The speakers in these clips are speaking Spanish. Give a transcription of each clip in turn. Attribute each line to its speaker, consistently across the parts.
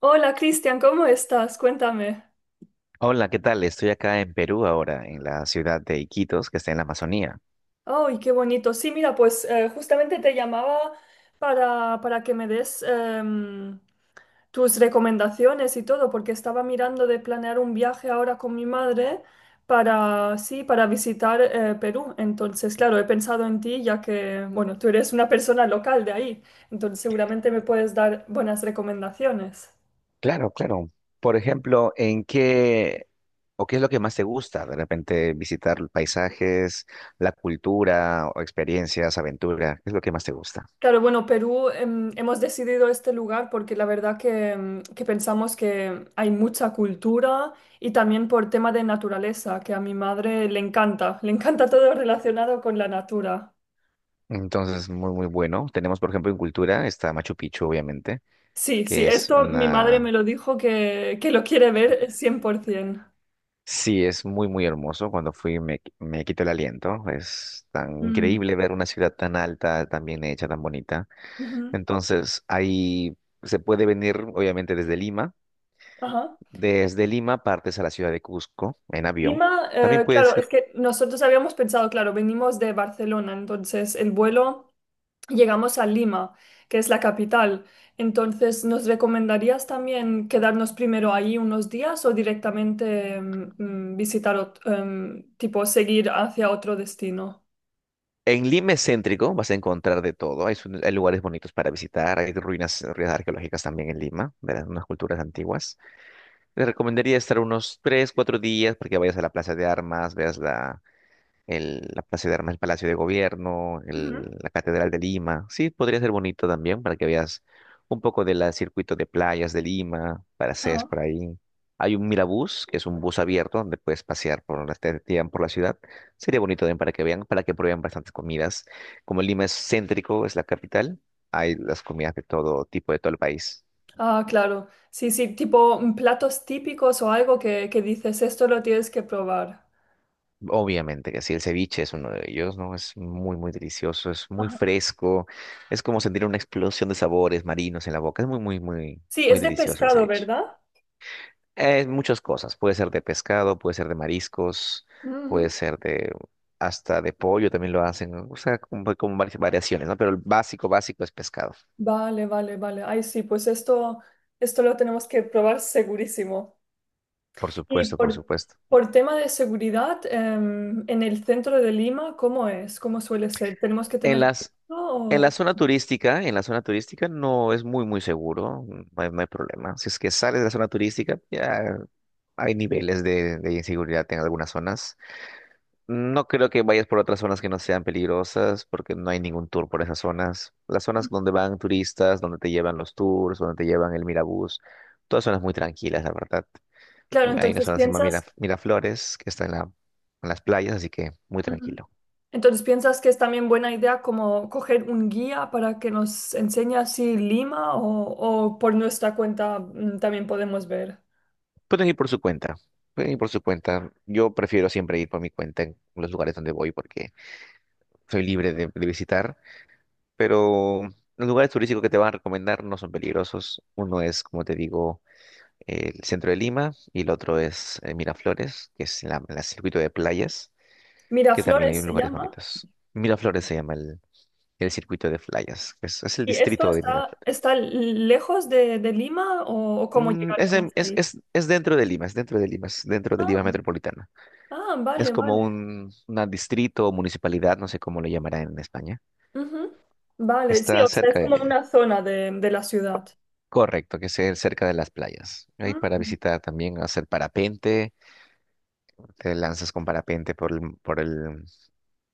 Speaker 1: Hola, Cristian, ¿cómo estás? Cuéntame.
Speaker 2: Hola, ¿qué tal? Estoy acá en Perú ahora, en la ciudad de Iquitos, que está en la Amazonía.
Speaker 1: Ay, qué bonito. Sí, mira, pues justamente te llamaba para que me des tus recomendaciones y todo, porque estaba mirando de planear un viaje ahora con mi madre para, sí, para visitar Perú. Entonces, claro, he pensado en ti, ya que, bueno, tú eres una persona local de ahí, entonces seguramente me puedes dar buenas recomendaciones.
Speaker 2: Claro, claro. Por ejemplo, ¿en qué o qué es lo que más te gusta? De repente visitar paisajes, la cultura o experiencias, aventura, ¿qué es lo que más te gusta?
Speaker 1: Claro, bueno, Perú, hemos decidido este lugar porque la verdad que, que pensamos que hay mucha cultura y también por tema de naturaleza, que a mi madre le encanta todo relacionado con la natura.
Speaker 2: Entonces, muy, muy bueno. Tenemos, por ejemplo, en cultura está Machu Picchu, obviamente,
Speaker 1: Sí, sí,
Speaker 2: que es
Speaker 1: esto mi madre
Speaker 2: una...
Speaker 1: me lo dijo que lo quiere ver 100%.
Speaker 2: Sí, es muy, muy hermoso. Cuando fui me quito el aliento. Es tan
Speaker 1: Mm,
Speaker 2: increíble ver una ciudad tan alta, tan bien hecha, tan bonita.
Speaker 1: ujú,
Speaker 2: Entonces, ahí se puede venir, obviamente, desde Lima.
Speaker 1: ajá.
Speaker 2: Desde Lima partes a la ciudad de Cusco en avión.
Speaker 1: Lima,
Speaker 2: También
Speaker 1: claro,
Speaker 2: puedes ir.
Speaker 1: es que nosotros habíamos pensado, claro, venimos de Barcelona, entonces el vuelo llegamos a Lima, que es la capital. Entonces, ¿nos recomendarías también quedarnos primero ahí unos días o directamente visitar, tipo, seguir hacia otro destino?
Speaker 2: En Lima es céntrico, vas a encontrar de todo. Hay, hay lugares bonitos para visitar. Hay ruinas, ruinas arqueológicas también en Lima, de unas culturas antiguas. Te recomendaría estar unos tres, cuatro días para que vayas a la Plaza de Armas, veas la Plaza de Armas, el Palacio de Gobierno,
Speaker 1: Ujú.
Speaker 2: la Catedral de Lima. Sí, podría ser bonito también para que veas un poco del circuito de playas de Lima, Paracés
Speaker 1: Ajá.
Speaker 2: por ahí. Hay un Mirabús, que es un bus abierto donde puedes pasear te llevan por la ciudad. Sería bonito también para que vean, para que prueben bastantes comidas. Como Lima es céntrico, es la capital, hay las comidas de todo tipo, de todo el país.
Speaker 1: Ah, claro. Sí, sí, tipo platos típicos o algo que dices, esto lo tienes que probar.
Speaker 2: Obviamente que sí, el ceviche es uno de ellos, ¿no? Es muy, muy delicioso, es muy
Speaker 1: Ajá.
Speaker 2: fresco, es como sentir una explosión de sabores marinos en la boca, es muy, muy, muy,
Speaker 1: Sí,
Speaker 2: muy
Speaker 1: es de
Speaker 2: delicioso el
Speaker 1: pescado,
Speaker 2: ceviche.
Speaker 1: ¿verdad?
Speaker 2: Es muchas cosas, puede ser de pescado, puede ser de mariscos, puede
Speaker 1: Ujú.
Speaker 2: ser de hasta de pollo también lo hacen, ¿no? O sea, como, como varias variaciones, ¿no? Pero el básico, básico es pescado,
Speaker 1: Vale, vale, vale. Ay, sí, pues esto lo tenemos que probar segurísimo.
Speaker 2: por
Speaker 1: Y
Speaker 2: supuesto, por
Speaker 1: por,
Speaker 2: supuesto.
Speaker 1: por tema de seguridad, en el centro de Lima, ¿cómo es? ¿Cómo suele ser? ¿Tenemos que
Speaker 2: En
Speaker 1: tener
Speaker 2: las,
Speaker 1: cuidado?
Speaker 2: en la
Speaker 1: O-
Speaker 2: zona turística, en la zona turística no es muy, muy seguro, no hay, no hay problema. Si es que sales de la zona turística, ya hay niveles de inseguridad en algunas zonas. No creo que vayas por otras zonas que no sean peligrosas, porque no hay ningún tour por esas zonas. Las zonas donde van turistas, donde te llevan los tours, donde te llevan el Mirabús, todas zonas muy tranquilas, la verdad.
Speaker 1: Claro,
Speaker 2: Hay una
Speaker 1: entonces
Speaker 2: zona que se llama
Speaker 1: piensas,
Speaker 2: Miraflores, que está en las playas, así que muy
Speaker 1: ujú,
Speaker 2: tranquilo.
Speaker 1: entonces piensas que es también buena idea como coger un guía para que nos enseñe así Lima o por nuestra cuenta también podemos ver.
Speaker 2: Pueden ir por su cuenta. Pueden ir por su cuenta. Yo prefiero siempre ir por mi cuenta en los lugares donde voy porque soy libre de visitar, pero los lugares turísticos que te van a recomendar no son peligrosos. Uno es, como te digo, el centro de Lima y el otro es Miraflores, que es la circuito de playas, que también hay
Speaker 1: Miraflores se
Speaker 2: lugares
Speaker 1: llama.
Speaker 2: bonitos. Miraflores se llama el circuito de playas, que es el
Speaker 1: ¿Y esto
Speaker 2: distrito de
Speaker 1: está,
Speaker 2: Miraflores.
Speaker 1: está lejos de Lima, o cómo llegaríamos ahí?
Speaker 2: Es dentro de Lima, es dentro de Lima, es dentro de Lima
Speaker 1: Ah,
Speaker 2: metropolitana.
Speaker 1: ah,
Speaker 2: Es
Speaker 1: vale,
Speaker 2: como
Speaker 1: vale.
Speaker 2: un una distrito o municipalidad, no sé cómo lo llamarán en España.
Speaker 1: Ujú. Vale, sí,
Speaker 2: Está
Speaker 1: o sea, es
Speaker 2: cerca de
Speaker 1: como
Speaker 2: Lima.
Speaker 1: una zona de la ciudad.
Speaker 2: Correcto, que sea cerca de las playas. Ahí para
Speaker 1: Mm.
Speaker 2: visitar también, hacer parapente, te lanzas con parapente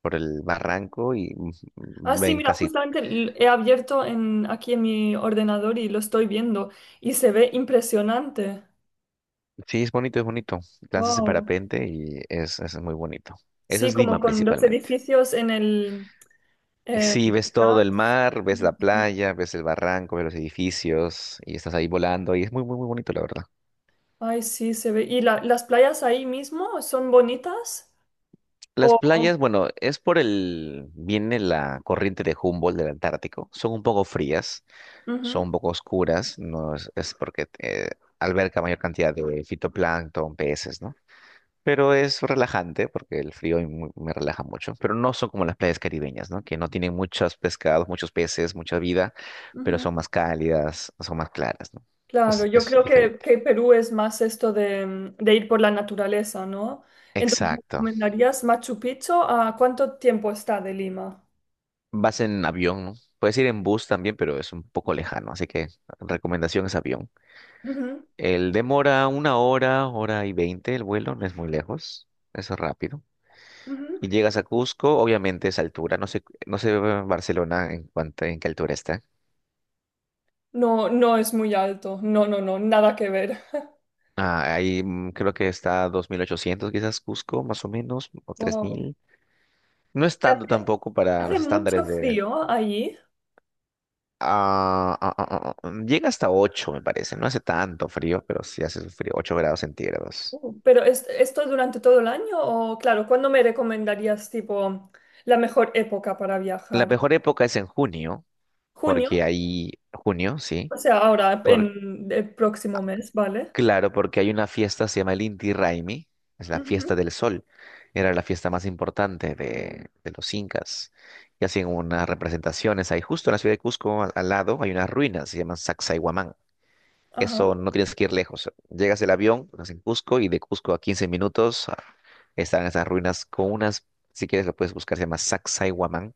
Speaker 2: por el barranco y
Speaker 1: Ah, sí,
Speaker 2: ven
Speaker 1: mira,
Speaker 2: casi.
Speaker 1: justamente he abierto en, aquí en mi ordenador y lo estoy viendo y se ve impresionante.
Speaker 2: Sí, es bonito, es bonito. Lanzas en
Speaker 1: Wow.
Speaker 2: parapente y es muy bonito. Eso
Speaker 1: Sí,
Speaker 2: es
Speaker 1: como
Speaker 2: Lima
Speaker 1: con los
Speaker 2: principalmente.
Speaker 1: edificios en el eh,
Speaker 2: Sí, ves todo
Speaker 1: gas.
Speaker 2: el mar, ves la
Speaker 1: Sí.
Speaker 2: playa, ves el barranco, ves los edificios y estás ahí volando y es muy, muy, muy bonito, la verdad.
Speaker 1: Ay, sí, se ve. ¿Y las playas ahí mismo son bonitas?
Speaker 2: Las
Speaker 1: O-
Speaker 2: playas, bueno, es por el, viene la corriente de Humboldt del Antártico, son un poco frías, son
Speaker 1: ujú,
Speaker 2: un poco oscuras, no es, es porque alberga mayor cantidad de fitoplancton, peces, ¿no? Pero es relajante porque el frío y me relaja mucho. Pero no son como las playas caribeñas, ¿no? Que no tienen muchos pescados, muchos peces, mucha vida, pero
Speaker 1: ujú.
Speaker 2: son más cálidas, son más claras, ¿no?
Speaker 1: Claro, yo
Speaker 2: Es
Speaker 1: creo
Speaker 2: diferente.
Speaker 1: que Perú es más esto de, de ir por la naturaleza, ¿no? Entonces, ¿me
Speaker 2: Exacto.
Speaker 1: recomendarías Machu Picchu? ¿A cuánto tiempo está de Lima?
Speaker 2: Vas en avión, ¿no? Puedes ir en bus también, pero es un poco lejano, así que recomendación es avión.
Speaker 1: Ujú,
Speaker 2: El demora una hora, hora y 20 el vuelo, no es muy lejos, es rápido.
Speaker 1: ujú.
Speaker 2: Y llegas a Cusco, obviamente es altura, no sé, no sé Barcelona en cuánto, en qué altura está.
Speaker 1: No, no es muy alto. No, no, no, nada que ver.
Speaker 2: Ah, ahí creo que está a 2800 quizás Cusco, más o menos, o tres
Speaker 1: Wow.
Speaker 2: mil No es tanto
Speaker 1: ¿Hace,
Speaker 2: tampoco para
Speaker 1: hace
Speaker 2: los
Speaker 1: mucho
Speaker 2: estándares de...
Speaker 1: frío allí?
Speaker 2: llega hasta 8 me parece. No hace tanto frío, pero sí hace frío, 8 grados centígrados.
Speaker 1: ¿Pero es, esto durante todo el año? O, claro, ¿cuándo me recomendarías, tipo, la mejor época para
Speaker 2: La
Speaker 1: viajar?
Speaker 2: mejor época es en junio, porque
Speaker 1: ¿Junio?
Speaker 2: ahí, junio, sí,
Speaker 1: O sea, ahora,
Speaker 2: por...
Speaker 1: en el próximo mes, ¿vale?
Speaker 2: Claro, porque hay una fiesta, se llama el Inti Raymi, es la
Speaker 1: Ujú,
Speaker 2: fiesta del sol. Era la fiesta más importante de los incas. Y hacen unas representaciones ahí, justo en la ciudad de Cusco, al lado, hay unas ruinas, se llaman Sacsayhuamán. Eso
Speaker 1: ajá.
Speaker 2: no tienes que ir lejos. Llegas el avión, estás en Cusco, y de Cusco a 15 minutos están esas ruinas con unas, si quieres lo puedes buscar, se llama Sacsayhuamán.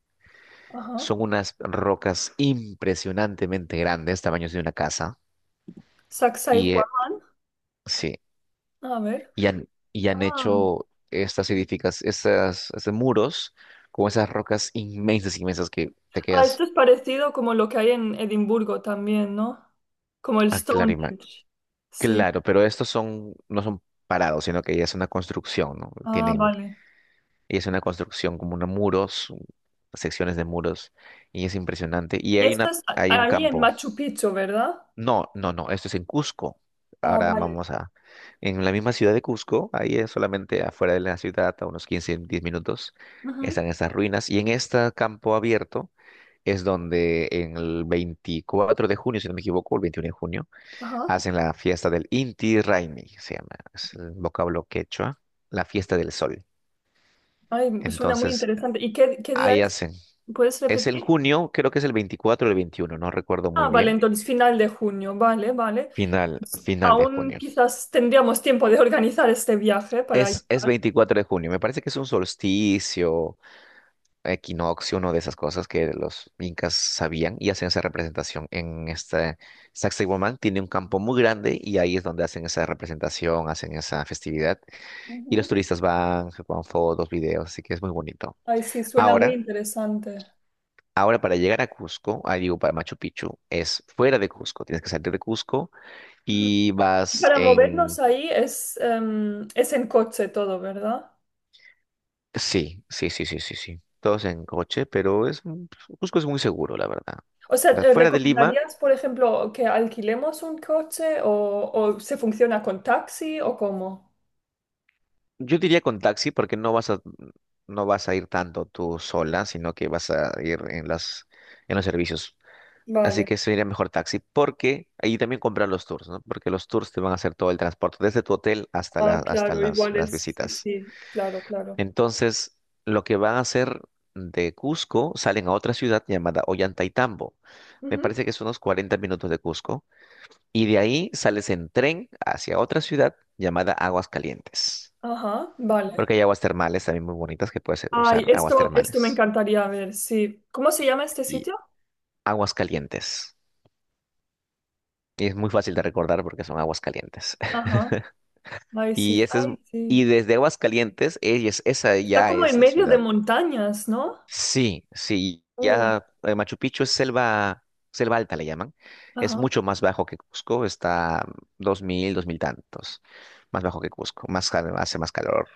Speaker 1: Ajá.
Speaker 2: Son unas rocas impresionantemente grandes, tamaños de una casa.
Speaker 1: Saxa y
Speaker 2: Y
Speaker 1: Juan.
Speaker 2: eh, sí.
Speaker 1: A ver.
Speaker 2: Y han
Speaker 1: Ah.
Speaker 2: hecho estas edificas, estas, estos muros con esas rocas inmensas, inmensas que te
Speaker 1: Ah, esto
Speaker 2: quedas
Speaker 1: es parecido como lo que hay en Edimburgo también, ¿no? Como el
Speaker 2: a clarima.
Speaker 1: Stonehenge. Sí.
Speaker 2: Claro, pero estos son, no son parados, sino que ya es una construcción, ¿no?
Speaker 1: Ah,
Speaker 2: Tienen,
Speaker 1: vale.
Speaker 2: ya es una construcción como unos muros, secciones de muros, y es impresionante. Y
Speaker 1: ¿Y
Speaker 2: hay
Speaker 1: esto
Speaker 2: una,
Speaker 1: es
Speaker 2: hay un
Speaker 1: ahí en
Speaker 2: campo.
Speaker 1: Machu Picchu, ¿verdad?
Speaker 2: No, no, no, esto es en Cusco.
Speaker 1: Ah,
Speaker 2: Ahora
Speaker 1: vale.
Speaker 2: vamos a... En la misma ciudad de Cusco, ahí es solamente afuera de la ciudad, a unos 15, 10 minutos,
Speaker 1: Ujú.
Speaker 2: están estas ruinas. Y en este campo abierto es donde en el 24 de junio, si no me equivoco, el 21 de junio,
Speaker 1: Ajá.
Speaker 2: hacen la fiesta del Inti Raymi, se llama, es el vocablo quechua, la fiesta del sol.
Speaker 1: Ay, suena muy
Speaker 2: Entonces,
Speaker 1: interesante. ¿Y qué, qué día
Speaker 2: ahí
Speaker 1: es?
Speaker 2: hacen.
Speaker 1: ¿Puedes
Speaker 2: Es en
Speaker 1: repetir?
Speaker 2: junio, creo que es el 24 o el 21, no recuerdo muy
Speaker 1: Ah, vale,
Speaker 2: bien.
Speaker 1: entonces final de junio. Vale, vale.
Speaker 2: Final,
Speaker 1: Entonces,
Speaker 2: final de
Speaker 1: aún
Speaker 2: junio.
Speaker 1: quizás tendríamos tiempo de organizar este viaje para
Speaker 2: Es
Speaker 1: ayudar.
Speaker 2: 24 de junio, me parece que es un solsticio, equinoccio, una de esas cosas que los incas sabían y hacen esa representación en este... Sacsayhuamán tiene un campo muy grande y ahí es donde hacen esa representación, hacen esa festividad y los
Speaker 1: Ujú.
Speaker 2: turistas van, se toman fotos, videos, así que es muy bonito.
Speaker 1: Ay, sí, suena muy
Speaker 2: Ahora,
Speaker 1: interesante.
Speaker 2: ahora para llegar a Cusco, ah, digo para Machu Picchu, es fuera de Cusco, tienes que salir de Cusco y vas
Speaker 1: Para movernos
Speaker 2: en...
Speaker 1: ahí es, es en coche todo, ¿verdad?
Speaker 2: Sí, sí, sí, sí, sí, sí. Todos en coche, pero es un- Cusco es muy seguro, la verdad.
Speaker 1: O sea, ¿te
Speaker 2: Fuera de Lima,
Speaker 1: recomendarías, por ejemplo, que alquilemos un coche, o se funciona con taxi, o cómo?
Speaker 2: yo diría con taxi, porque no vas a, no vas a ir tanto tú sola, sino que vas a ir en las, en los servicios. Así
Speaker 1: Vale.
Speaker 2: que sería mejor taxi, porque ahí también comprar los tours, ¿no? Porque los tours te van a hacer todo el transporte, desde tu hotel
Speaker 1: Ah,
Speaker 2: hasta
Speaker 1: claro, igual
Speaker 2: las
Speaker 1: es, sí,
Speaker 2: visitas.
Speaker 1: sí, claro, claro.
Speaker 2: Entonces, lo que van a hacer de Cusco, salen a otra ciudad llamada Ollantaytambo. Me
Speaker 1: Ujú.
Speaker 2: parece que son unos 40 minutos de Cusco y de ahí sales en tren hacia otra ciudad llamada Aguas Calientes.
Speaker 1: Ajá, vale.
Speaker 2: Porque hay aguas termales también muy bonitas que puedes
Speaker 1: Ay,
Speaker 2: usar, aguas
Speaker 1: esto me
Speaker 2: termales
Speaker 1: encantaría ver, sí. ¿Cómo se llama este
Speaker 2: y
Speaker 1: sitio?
Speaker 2: aguas calientes. Y es muy fácil de recordar porque son aguas calientes.
Speaker 1: Ajá. Ay,
Speaker 2: Y
Speaker 1: sí,
Speaker 2: ese es,
Speaker 1: ay,
Speaker 2: y
Speaker 1: sí.
Speaker 2: desde Aguas Calientes, es esa
Speaker 1: Está
Speaker 2: ya
Speaker 1: como
Speaker 2: es
Speaker 1: en
Speaker 2: la
Speaker 1: medio de
Speaker 2: ciudad.
Speaker 1: montañas, ¿no?
Speaker 2: Sí, sí,
Speaker 1: Uh,
Speaker 2: ya Machu Picchu es selva, selva alta le llaman. Es
Speaker 1: ajá.
Speaker 2: mucho más bajo que Cusco, está dos mil, dos mil tantos, más bajo que Cusco, más, hace más calor.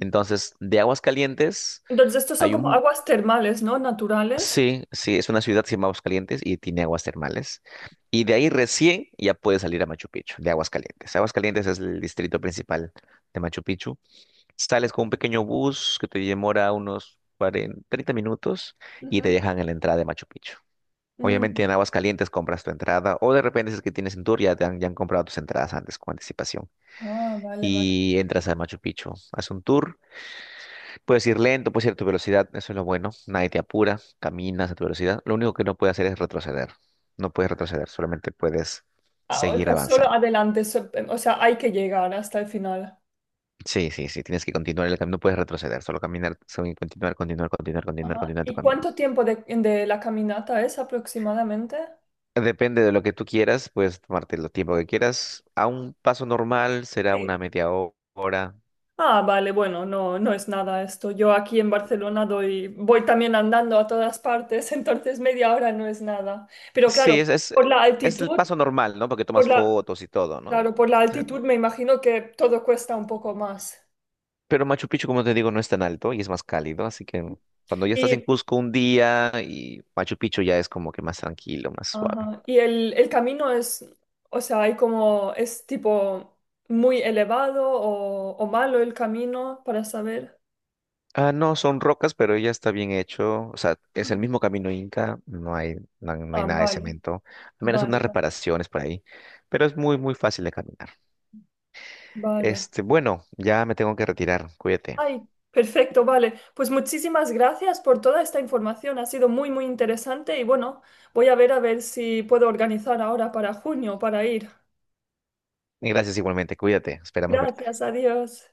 Speaker 2: Entonces, de Aguascalientes,
Speaker 1: Entonces, estos son
Speaker 2: hay
Speaker 1: como
Speaker 2: un...
Speaker 1: aguas termales, ¿no? Naturales.
Speaker 2: Sí, sí, es una ciudad que se llama Aguascalientes y tiene aguas termales. Y de ahí recién ya puedes salir a Machu Picchu, de Aguascalientes. Aguascalientes es el distrito principal de Machu Picchu. Sales con un pequeño bus que te demora unos 40, 30 minutos y te
Speaker 1: Ujú.
Speaker 2: dejan en la entrada de Machu Picchu. Obviamente
Speaker 1: Mm.
Speaker 2: en Aguascalientes compras tu entrada o de repente si es que tienes un tour ya, ya han comprado tus entradas antes con anticipación.
Speaker 1: Ah, vale, vale.
Speaker 2: Y entras a Machu Picchu, haces un tour. Puedes ir lento, puedes ir a tu velocidad, eso es lo bueno. Nadie te apura, caminas a tu velocidad. Lo único que no puedes hacer es retroceder. No puedes retroceder, solamente puedes
Speaker 1: Ah, o
Speaker 2: seguir
Speaker 1: sea, solo
Speaker 2: avanzando.
Speaker 1: adelante, o sea, hay que llegar hasta el final.
Speaker 2: Sí, sí, sí, tienes que continuar el camino, no puedes retroceder, solo caminar, solo continuar, continuar, continuar, continuar,
Speaker 1: Ajá.
Speaker 2: continuar tu
Speaker 1: ¿Y
Speaker 2: camino.
Speaker 1: cuánto tiempo de la caminata es aproximadamente?
Speaker 2: Depende de lo que tú quieras, puedes tomarte el tiempo que quieras. A un paso normal será
Speaker 1: Sí.
Speaker 2: una media hora.
Speaker 1: Ah, vale, bueno, no, no es nada esto. Yo aquí en Barcelona doy, voy también andando a todas partes, entonces 1/2 hora no es nada. Pero
Speaker 2: Sí,
Speaker 1: claro, por la
Speaker 2: es el
Speaker 1: altitud,
Speaker 2: paso normal, ¿no? Porque
Speaker 1: por
Speaker 2: tomas
Speaker 1: la,
Speaker 2: fotos y todo, ¿no? O
Speaker 1: claro, por la
Speaker 2: sea,
Speaker 1: altitud me imagino que todo cuesta un poco más.
Speaker 2: pero Machu Picchu, como te digo, no es tan alto y es más cálido, así que cuando ya estás en Cusco un día y Machu Picchu ya es como que más tranquilo, más suave.
Speaker 1: Ajá. Y el camino es, o sea, hay como, es tipo muy elevado, o malo el camino, para saber.
Speaker 2: Ah, no, son rocas, pero ya está bien hecho. O sea, es el
Speaker 1: Ujú.
Speaker 2: mismo camino inca, no hay
Speaker 1: Ah,
Speaker 2: nada de
Speaker 1: vale,
Speaker 2: cemento, al menos
Speaker 1: vale,
Speaker 2: unas reparaciones por ahí, pero es muy, muy fácil de caminar.
Speaker 1: vale.
Speaker 2: Este, bueno, ya me tengo que retirar, cuídate.
Speaker 1: Ay, perfecto, vale. Pues muchísimas gracias por toda esta información. Ha sido muy, muy interesante y bueno, voy a ver, a ver si puedo organizar ahora para junio para ir.
Speaker 2: Y gracias igualmente, cuídate, esperamos verte.
Speaker 1: Gracias, adiós.